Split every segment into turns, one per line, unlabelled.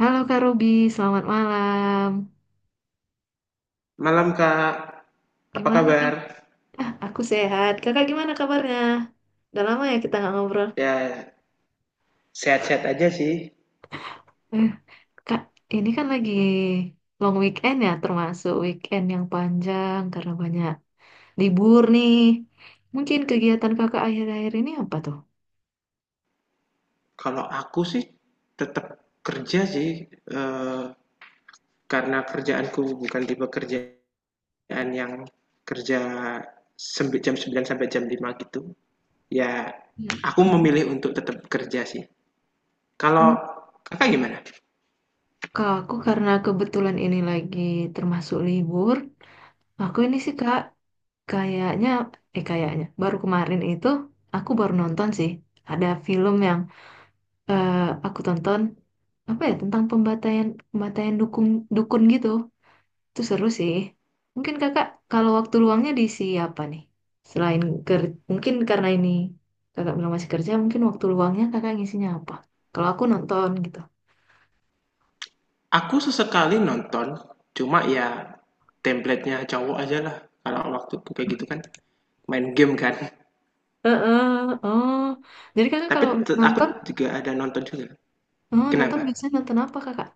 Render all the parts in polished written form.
Halo Kak Ruby, selamat malam.
Malam Kak, apa
Gimana Kak?
kabar?
Aku sehat. Kakak gimana kabarnya? Udah lama ya kita nggak ngobrol.
Ya, sehat-sehat aja sih.
Eh, Kak, ini kan lagi long weekend ya, termasuk weekend yang panjang karena banyak libur nih. Mungkin kegiatan kakak akhir-akhir ini apa tuh?
Kalau aku sih tetap kerja sih, karena kerjaanku bukan tipe kerjaan yang kerja jam 9 sampai jam 5 gitu. Ya, aku
Hmm.
memilih untuk tetap kerja sih.
Oh,
Kalau kakak gimana?
Kak, aku karena kebetulan ini lagi termasuk libur, aku ini sih Kak, kayaknya, kayaknya, baru kemarin itu aku baru nonton sih, ada film yang eh, aku tonton apa ya tentang pembantaian pembantaian dukun dukun gitu. Itu seru sih. Mungkin kakak kalau waktu luangnya diisi apa nih? Selain ker mungkin karena ini kakak bilang masih kerja, mungkin waktu luangnya kakak ngisinya apa? Kalau aku nonton gitu.
Aku sesekali nonton, cuma ya template-nya cowok aja lah. Kalau waktu kayak gitu kan, main game kan.
Heeh, oh. Jadi kakak
Tapi
kalau
aku
nonton,
juga ada nonton juga.
oh, nonton
Kenapa?
biasanya nonton apa kakak?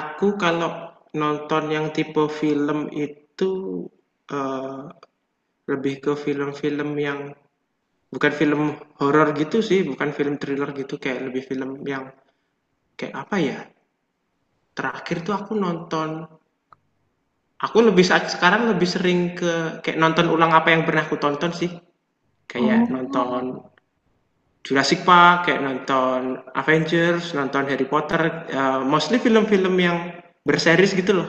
Aku kalau nonton yang tipe film itu, eee, lebih ke film-film yang bukan film horor gitu sih, bukan film thriller gitu, kayak lebih film yang kayak apa ya, terakhir tuh aku nonton aku lebih saat sekarang lebih sering ke kayak nonton ulang apa yang pernah aku tonton sih. Kayak
Oh,
nonton Jurassic Park, kayak nonton Avengers, nonton Harry Potter, mostly film-film yang berseries gitu loh.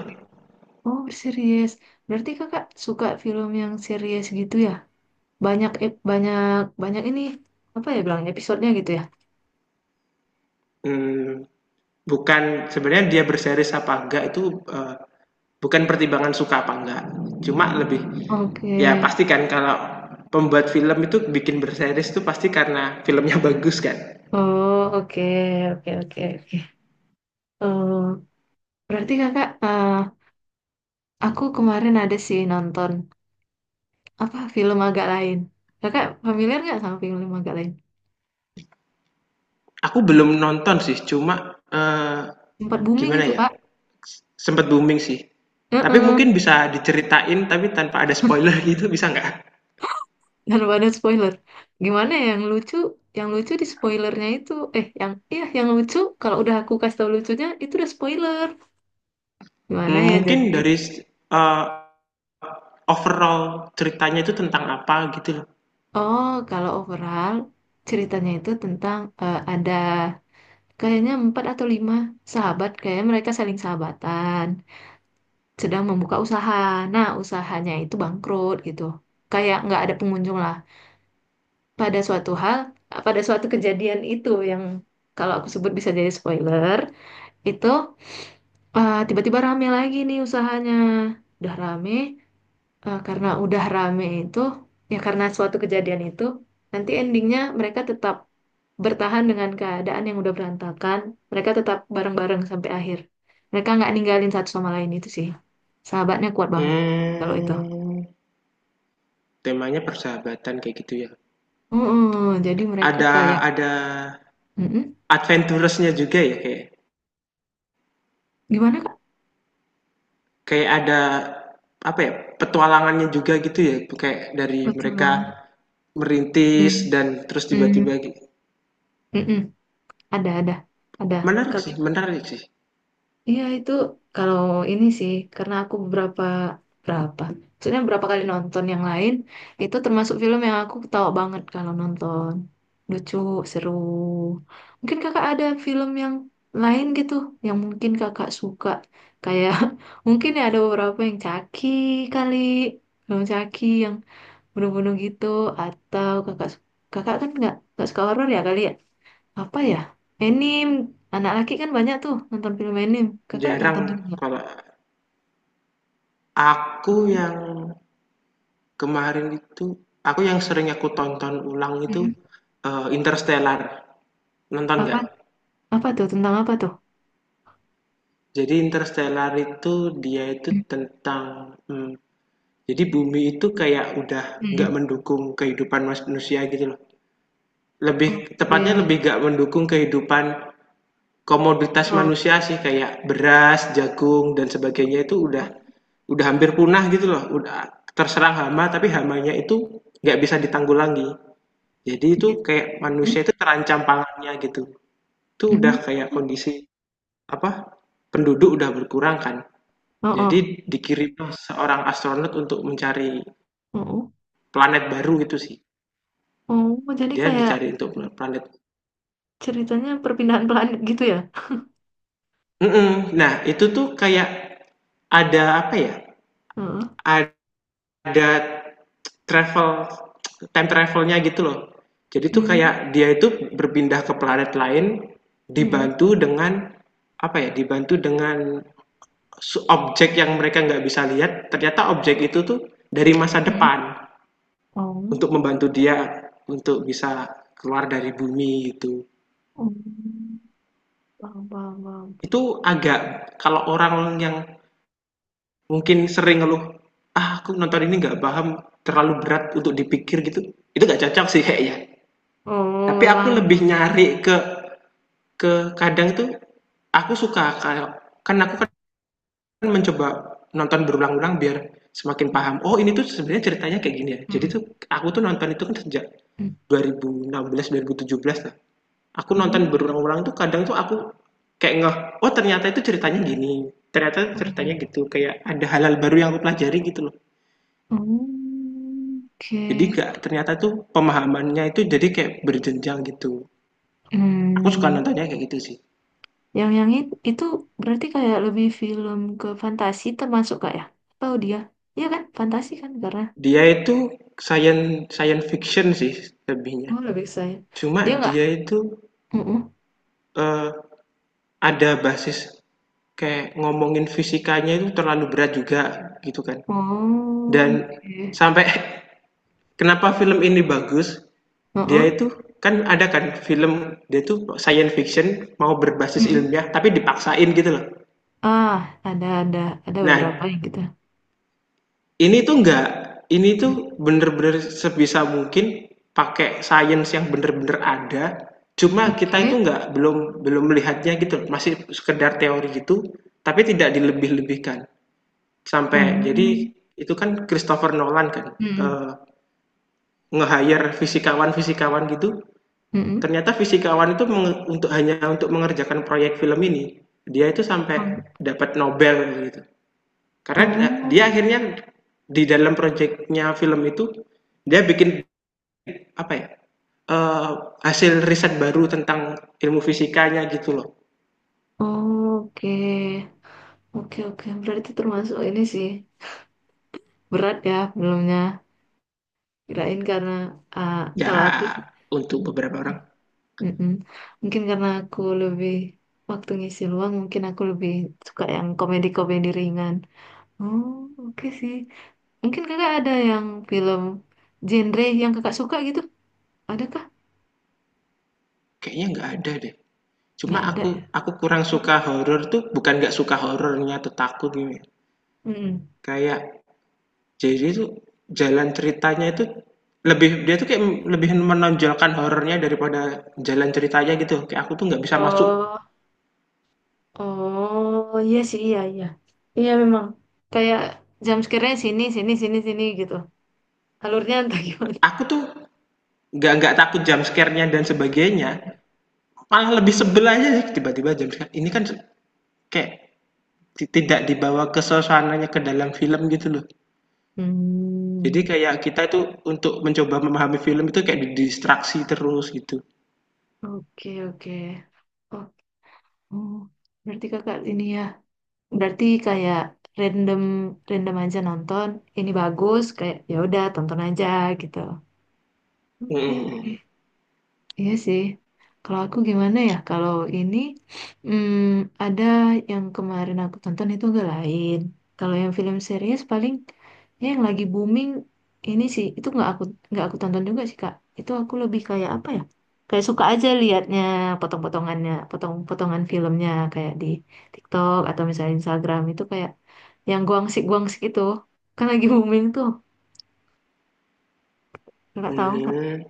oh, series. Berarti kakak suka film yang series gitu ya? Banyak banyak ini apa ya bilangnya episodenya gitu ya?
Mmm, bukan sebenarnya dia berseries apa enggak itu bukan pertimbangan suka apa enggak, cuma lebih
Oke.
ya pasti kan kalau pembuat film itu bikin berseries itu pasti karena filmnya bagus kan.
Oh, oke, oke, oke, oke. Oh, berarti kakak, aku kemarin ada sih nonton apa film agak lain. Kakak familiar nggak sama film agak lain?
Aku belum nonton sih, cuma
Sempat booming
gimana
itu
ya,
kak.
sempat booming sih, tapi
Heeh.
mungkin bisa diceritain tapi tanpa ada spoiler gitu bisa nggak?
Dan ada spoiler. Gimana ya, yang lucu? Yang lucu di spoilernya itu, yang iya yang lucu. Kalau udah aku kasih tau lucunya, itu udah spoiler. Gimana
Hmm,
ya?
mungkin
Jadi,
dari eh, overall ceritanya itu tentang apa gitu loh.
oh, kalau overall ceritanya itu tentang ada kayaknya empat atau lima sahabat, kayaknya mereka saling sahabatan, sedang membuka usaha. Nah, usahanya itu bangkrut gitu. Kayak nggak ada pengunjung lah. Pada suatu hal, pada suatu kejadian itu yang kalau aku sebut bisa jadi spoiler, itu tiba-tiba rame lagi nih usahanya. Udah rame, karena udah rame itu ya karena suatu kejadian itu nanti endingnya mereka tetap bertahan dengan keadaan yang udah berantakan, mereka tetap bareng-bareng sampai akhir, mereka nggak ninggalin satu sama lain. Itu sih sahabatnya kuat banget kalau itu.
Hmm. Temanya persahabatan kayak gitu ya.
Mm-mm, jadi mereka
Ada
kayak
ada
mm-mm.
adventurous-nya juga ya kayak
Gimana kak,
kayak ada apa ya, petualangannya juga gitu ya kayak dari
betul
mereka
banget.
merintis
Hmm,
dan terus
hmm,
tiba-tiba
mm-mm. Ada ada
menarik
kalau
sih, menarik sih.
iya itu kalau ini sih karena aku beberapa berapa maksudnya beberapa kali nonton yang lain, itu termasuk film yang aku ketawa banget kalau nonton, lucu, seru. Mungkin kakak ada film yang lain gitu yang mungkin kakak suka kayak mungkin ya ada beberapa yang caki kali, film caki yang bunuh-bunuh gitu. Atau kakak, kakak kan nggak suka horor ya kali ya, apa ya? Anime. Anak laki kan banyak tuh nonton film anime. Kakak
Jarang.
nonton juga nggak?
Kalau aku
Hmm.
yang kemarin itu, aku yang sering aku tonton ulang itu
Hmm.
Interstellar, nonton
Apa,
nggak?
apa tuh tentang apa tuh?
Jadi Interstellar itu dia itu
Hmm.
tentang hmm, jadi bumi itu kayak udah nggak
Hmm.
mendukung kehidupan manusia gitu loh. Lebih tepatnya lebih
Oke.
nggak mendukung kehidupan komoditas
Oh.
manusia sih kayak beras, jagung dan sebagainya itu udah
Oh.
udah hampir punah gitu loh. Udah terserang hama tapi hamanya itu nggak bisa ditanggulangi. Jadi itu kayak
Hmm.
manusia itu terancam pangannya gitu. Itu
Hmm.
udah kayak kondisi apa? Penduduk udah berkurang kan.
Oh, oh.
Jadi dikirim seorang astronot untuk mencari
Oh, oh.
planet baru gitu sih.
Oh, jadi
Dia
kayak
dicari untuk planet.
ceritanya perpindahan planet gitu ya?
Mhm, nah itu tuh kayak ada apa ya,
Heeh.
ada travel, time travelnya gitu loh. Jadi tuh
Hmm.
kayak dia itu berpindah ke planet lain
Hmm.
dibantu dengan apa ya, dibantu dengan objek yang mereka nggak bisa lihat, ternyata objek itu tuh dari masa
Hmm.
depan untuk
Oh.
membantu dia untuk bisa keluar dari bumi itu.
Oh. Paham, paham, paham.
Itu agak kalau orang yang mungkin sering ngeluh, "Ah, aku nonton ini nggak paham, terlalu berat untuk dipikir," gitu. Itu nggak cocok sih kayaknya.
Oh,
Tapi aku lebih
memang.
nyari ke kadang tuh aku suka kalau kan aku kan mencoba nonton berulang-ulang biar semakin paham. Oh, ini tuh sebenarnya ceritanya kayak gini ya. Jadi
Hmm.
tuh aku tuh nonton itu kan sejak
Hmm.
2016 2017 lah. Aku nonton
Hmm.
berulang-ulang tuh kadang tuh aku kayak ngeh, oh ternyata itu ceritanya gini. Ternyata ceritanya gitu, kayak ada hal-hal baru yang aku pelajari gitu loh.
Hmm.
Jadi
Oke.
nggak ternyata tuh pemahamannya itu jadi kayak berjenjang gitu. Aku suka
Hmm.
nontonnya kayak gitu sih.
Itu berarti kayak lebih film ke fantasi termasuk kak ya? Tahu dia? Iya kan? Fantasi kan karena
Dia itu science science fiction sih lebihnya.
oh lebih saya.
Cuma
Dia nggak?
dia itu
Mm-mm.
eh, ada basis kayak ngomongin fisikanya itu terlalu berat juga gitu kan.
Oh,
Dan
oke.
sampai kenapa film ini bagus?
Heeh.
Dia itu kan ada kan film dia itu science fiction mau berbasis
Mm-mm.
ilmiah tapi dipaksain gitu loh.
Ah, ada ada ada beberapa
Nah,
yang gitu.
ini tuh nggak, ini tuh bener-bener sebisa mungkin pakai sains yang bener-bener ada, cuma kita
Oke.
itu nggak belum belum melihatnya gitu, masih sekedar teori gitu, tapi tidak dilebih-lebihkan. Sampai jadi
Mm.
itu kan Christopher Nolan kan
Mm-mm.
eh, nge-hire fisikawan-fisikawan gitu,
Mm-mm.
ternyata fisikawan itu untuk hanya untuk mengerjakan proyek film ini, dia itu
Mm.
sampai dapat Nobel gitu. Karena dia
Oh,
akhirnya di dalam proyeknya film itu dia bikin apa ya? eee, Hasil riset baru tentang ilmu fisikanya gitu loh.
oh, oke. Oke, oke. Berarti termasuk ini sih. Berat ya filmnya. Kirain karena ah,
Ya,
kalau aku
untuk beberapa orang
mm-mm. Mungkin karena aku lebih waktu ngisi luang, mungkin aku lebih suka yang komedi-komedi ringan. Oh, oke sih. Mungkin kakak ada yang film genre yang kakak suka gitu? Adakah?
kayaknya nggak ada deh. Cuma
Nggak ada
aku
ya?
aku kurang suka horor tuh, bukan nggak suka horornya atau takut gini.
Mm.
Kayak jadi tuh jalan ceritanya itu lebih dia tuh kayak lebih menonjolkan horornya daripada jalan ceritanya gitu. Kayak aku tuh nggak bisa masuk.
Oh, oh, iya sih, iya, iya. Iya memang. Kayak jam sekiranya sini, sini, sini, sini gitu. Alurnya entah gimana.
Aku tuh nggak takut jump scare-nya dan sebagainya, malah lebih sebel aja sih tiba-tiba jump scare ini kan, kayak tidak dibawa ke suasananya ke dalam film gitu loh, jadi
Hmm,
kayak kita itu untuk mencoba memahami film itu kayak didistraksi terus gitu.
oke, oke. Oh, oh, berarti kakak ini ya. Berarti kayak random random aja nonton, ini bagus kayak ya udah tonton aja gitu. Oke, oke.
Mm-mm.
Iya sih. Kalau aku gimana ya? Kalau ini hmm, ada yang kemarin aku tonton itu agak lain. Kalau yang film series paling ini yang lagi booming ini sih itu nggak aku tonton juga sih Kak. Itu aku lebih kayak apa ya? Kayak suka aja liatnya potong-potongannya, potong-potongan filmnya kayak di TikTok atau misalnya Instagram itu kayak yang guangsik-guangsik itu kan lagi booming tuh. Nggak tahu Kak
Hmm.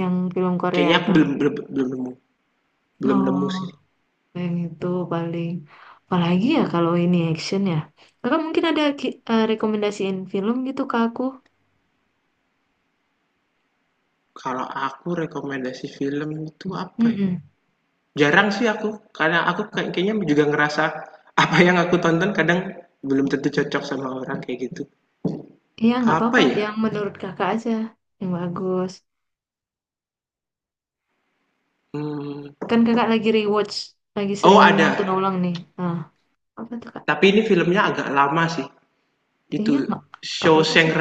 yang film Korea
Kayaknya aku
itu.
belum belum belum nemu, belum nemu
Oh,
sih.
yang itu paling apalagi ya kalau ini action ya. Kakak mungkin ada rekomendasiin film gitu ke aku.
Kalau aku rekomendasi film itu apa ya,
Mm.
jarang sih aku, karena aku kayak- kayaknya juga ngerasa apa yang aku tonton kadang belum tentu cocok sama orang kayak gitu.
Iya, nggak
Apa
apa-apa. Yang
ya?
menurut kakak aja yang bagus.
Mmm,
Kan kakak lagi rewatch, lagi sering
oh
nonton
ada,
ulang nih. Nah, apa tuh kak?
tapi ini filmnya agak lama sih. Itu
Iya, nggak apa-apa
Shawshank
sih.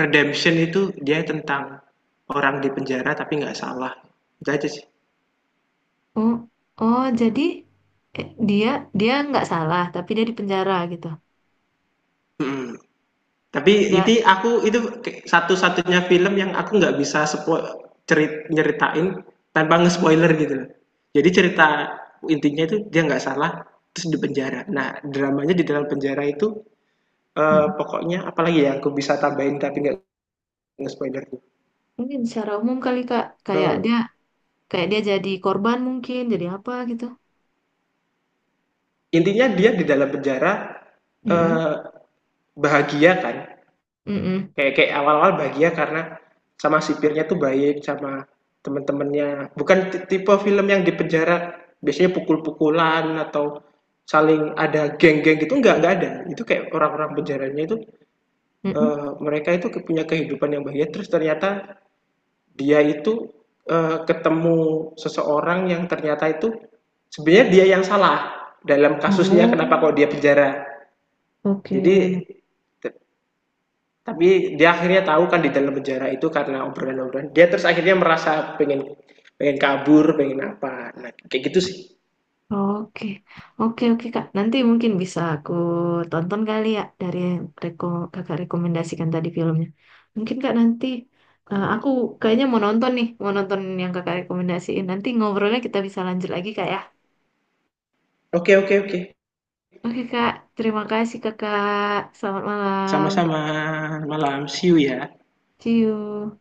Redemption, itu dia tentang orang di penjara tapi nggak salah. Itu aja sih.
Oh, oh jadi eh, dia dia nggak salah, tapi dia di penjara gitu.
Mhm. Tapi ini
Nggak,
aku itu satu-satunya film yang aku nggak bisa nyeritain tanpa nge-spoiler gitu loh. Jadi cerita intinya itu dia nggak salah, terus di penjara. Nah, dramanya di dalam penjara itu,
mm.
pokoknya apalagi ya, aku bisa tambahin tapi nggak nge-spoiler?
Mungkin secara umum kali kak,
Eh,
kayak dia jadi korban mungkin, jadi apa gitu.
Intinya dia di dalam penjara
Mm-mm.
eh, bahagia kan,
Mm-mm.
kayak kayak awal-awal bahagia karena sama sipirnya tuh baik, sama temen-temennya bukan tipe film yang di penjara biasanya pukul-pukulan atau saling ada geng-geng gitu, nggak ada. Itu kayak orang-orang penjaranya itu
Mm-mm.
mereka itu punya kehidupan yang bahagia, terus ternyata dia itu ketemu seseorang yang ternyata itu sebenarnya dia yang salah dalam kasusnya, kenapa
Oh,
kok dia penjara.
oke.
Jadi tapi dia akhirnya tahu kan di dalam penjara itu karena obrolan-obrolan. Dia terus akhirnya merasa pengen pengen kabur, pengen apa. Nah, kayak gitu sih.
Oke, oke, oke Kak. Nanti mungkin bisa aku tonton kali ya dari yang kakak rekomendasikan tadi filmnya. Mungkin Kak nanti aku kayaknya mau nonton nih, mau nonton yang kakak rekomendasiin. Nanti ngobrolnya kita bisa lanjut lagi Kak ya.
Oke, oke, oke.
Oke Kak, terima kasih Kakak. Selamat malam.
Sama-sama. Malam. See you ya.
See you.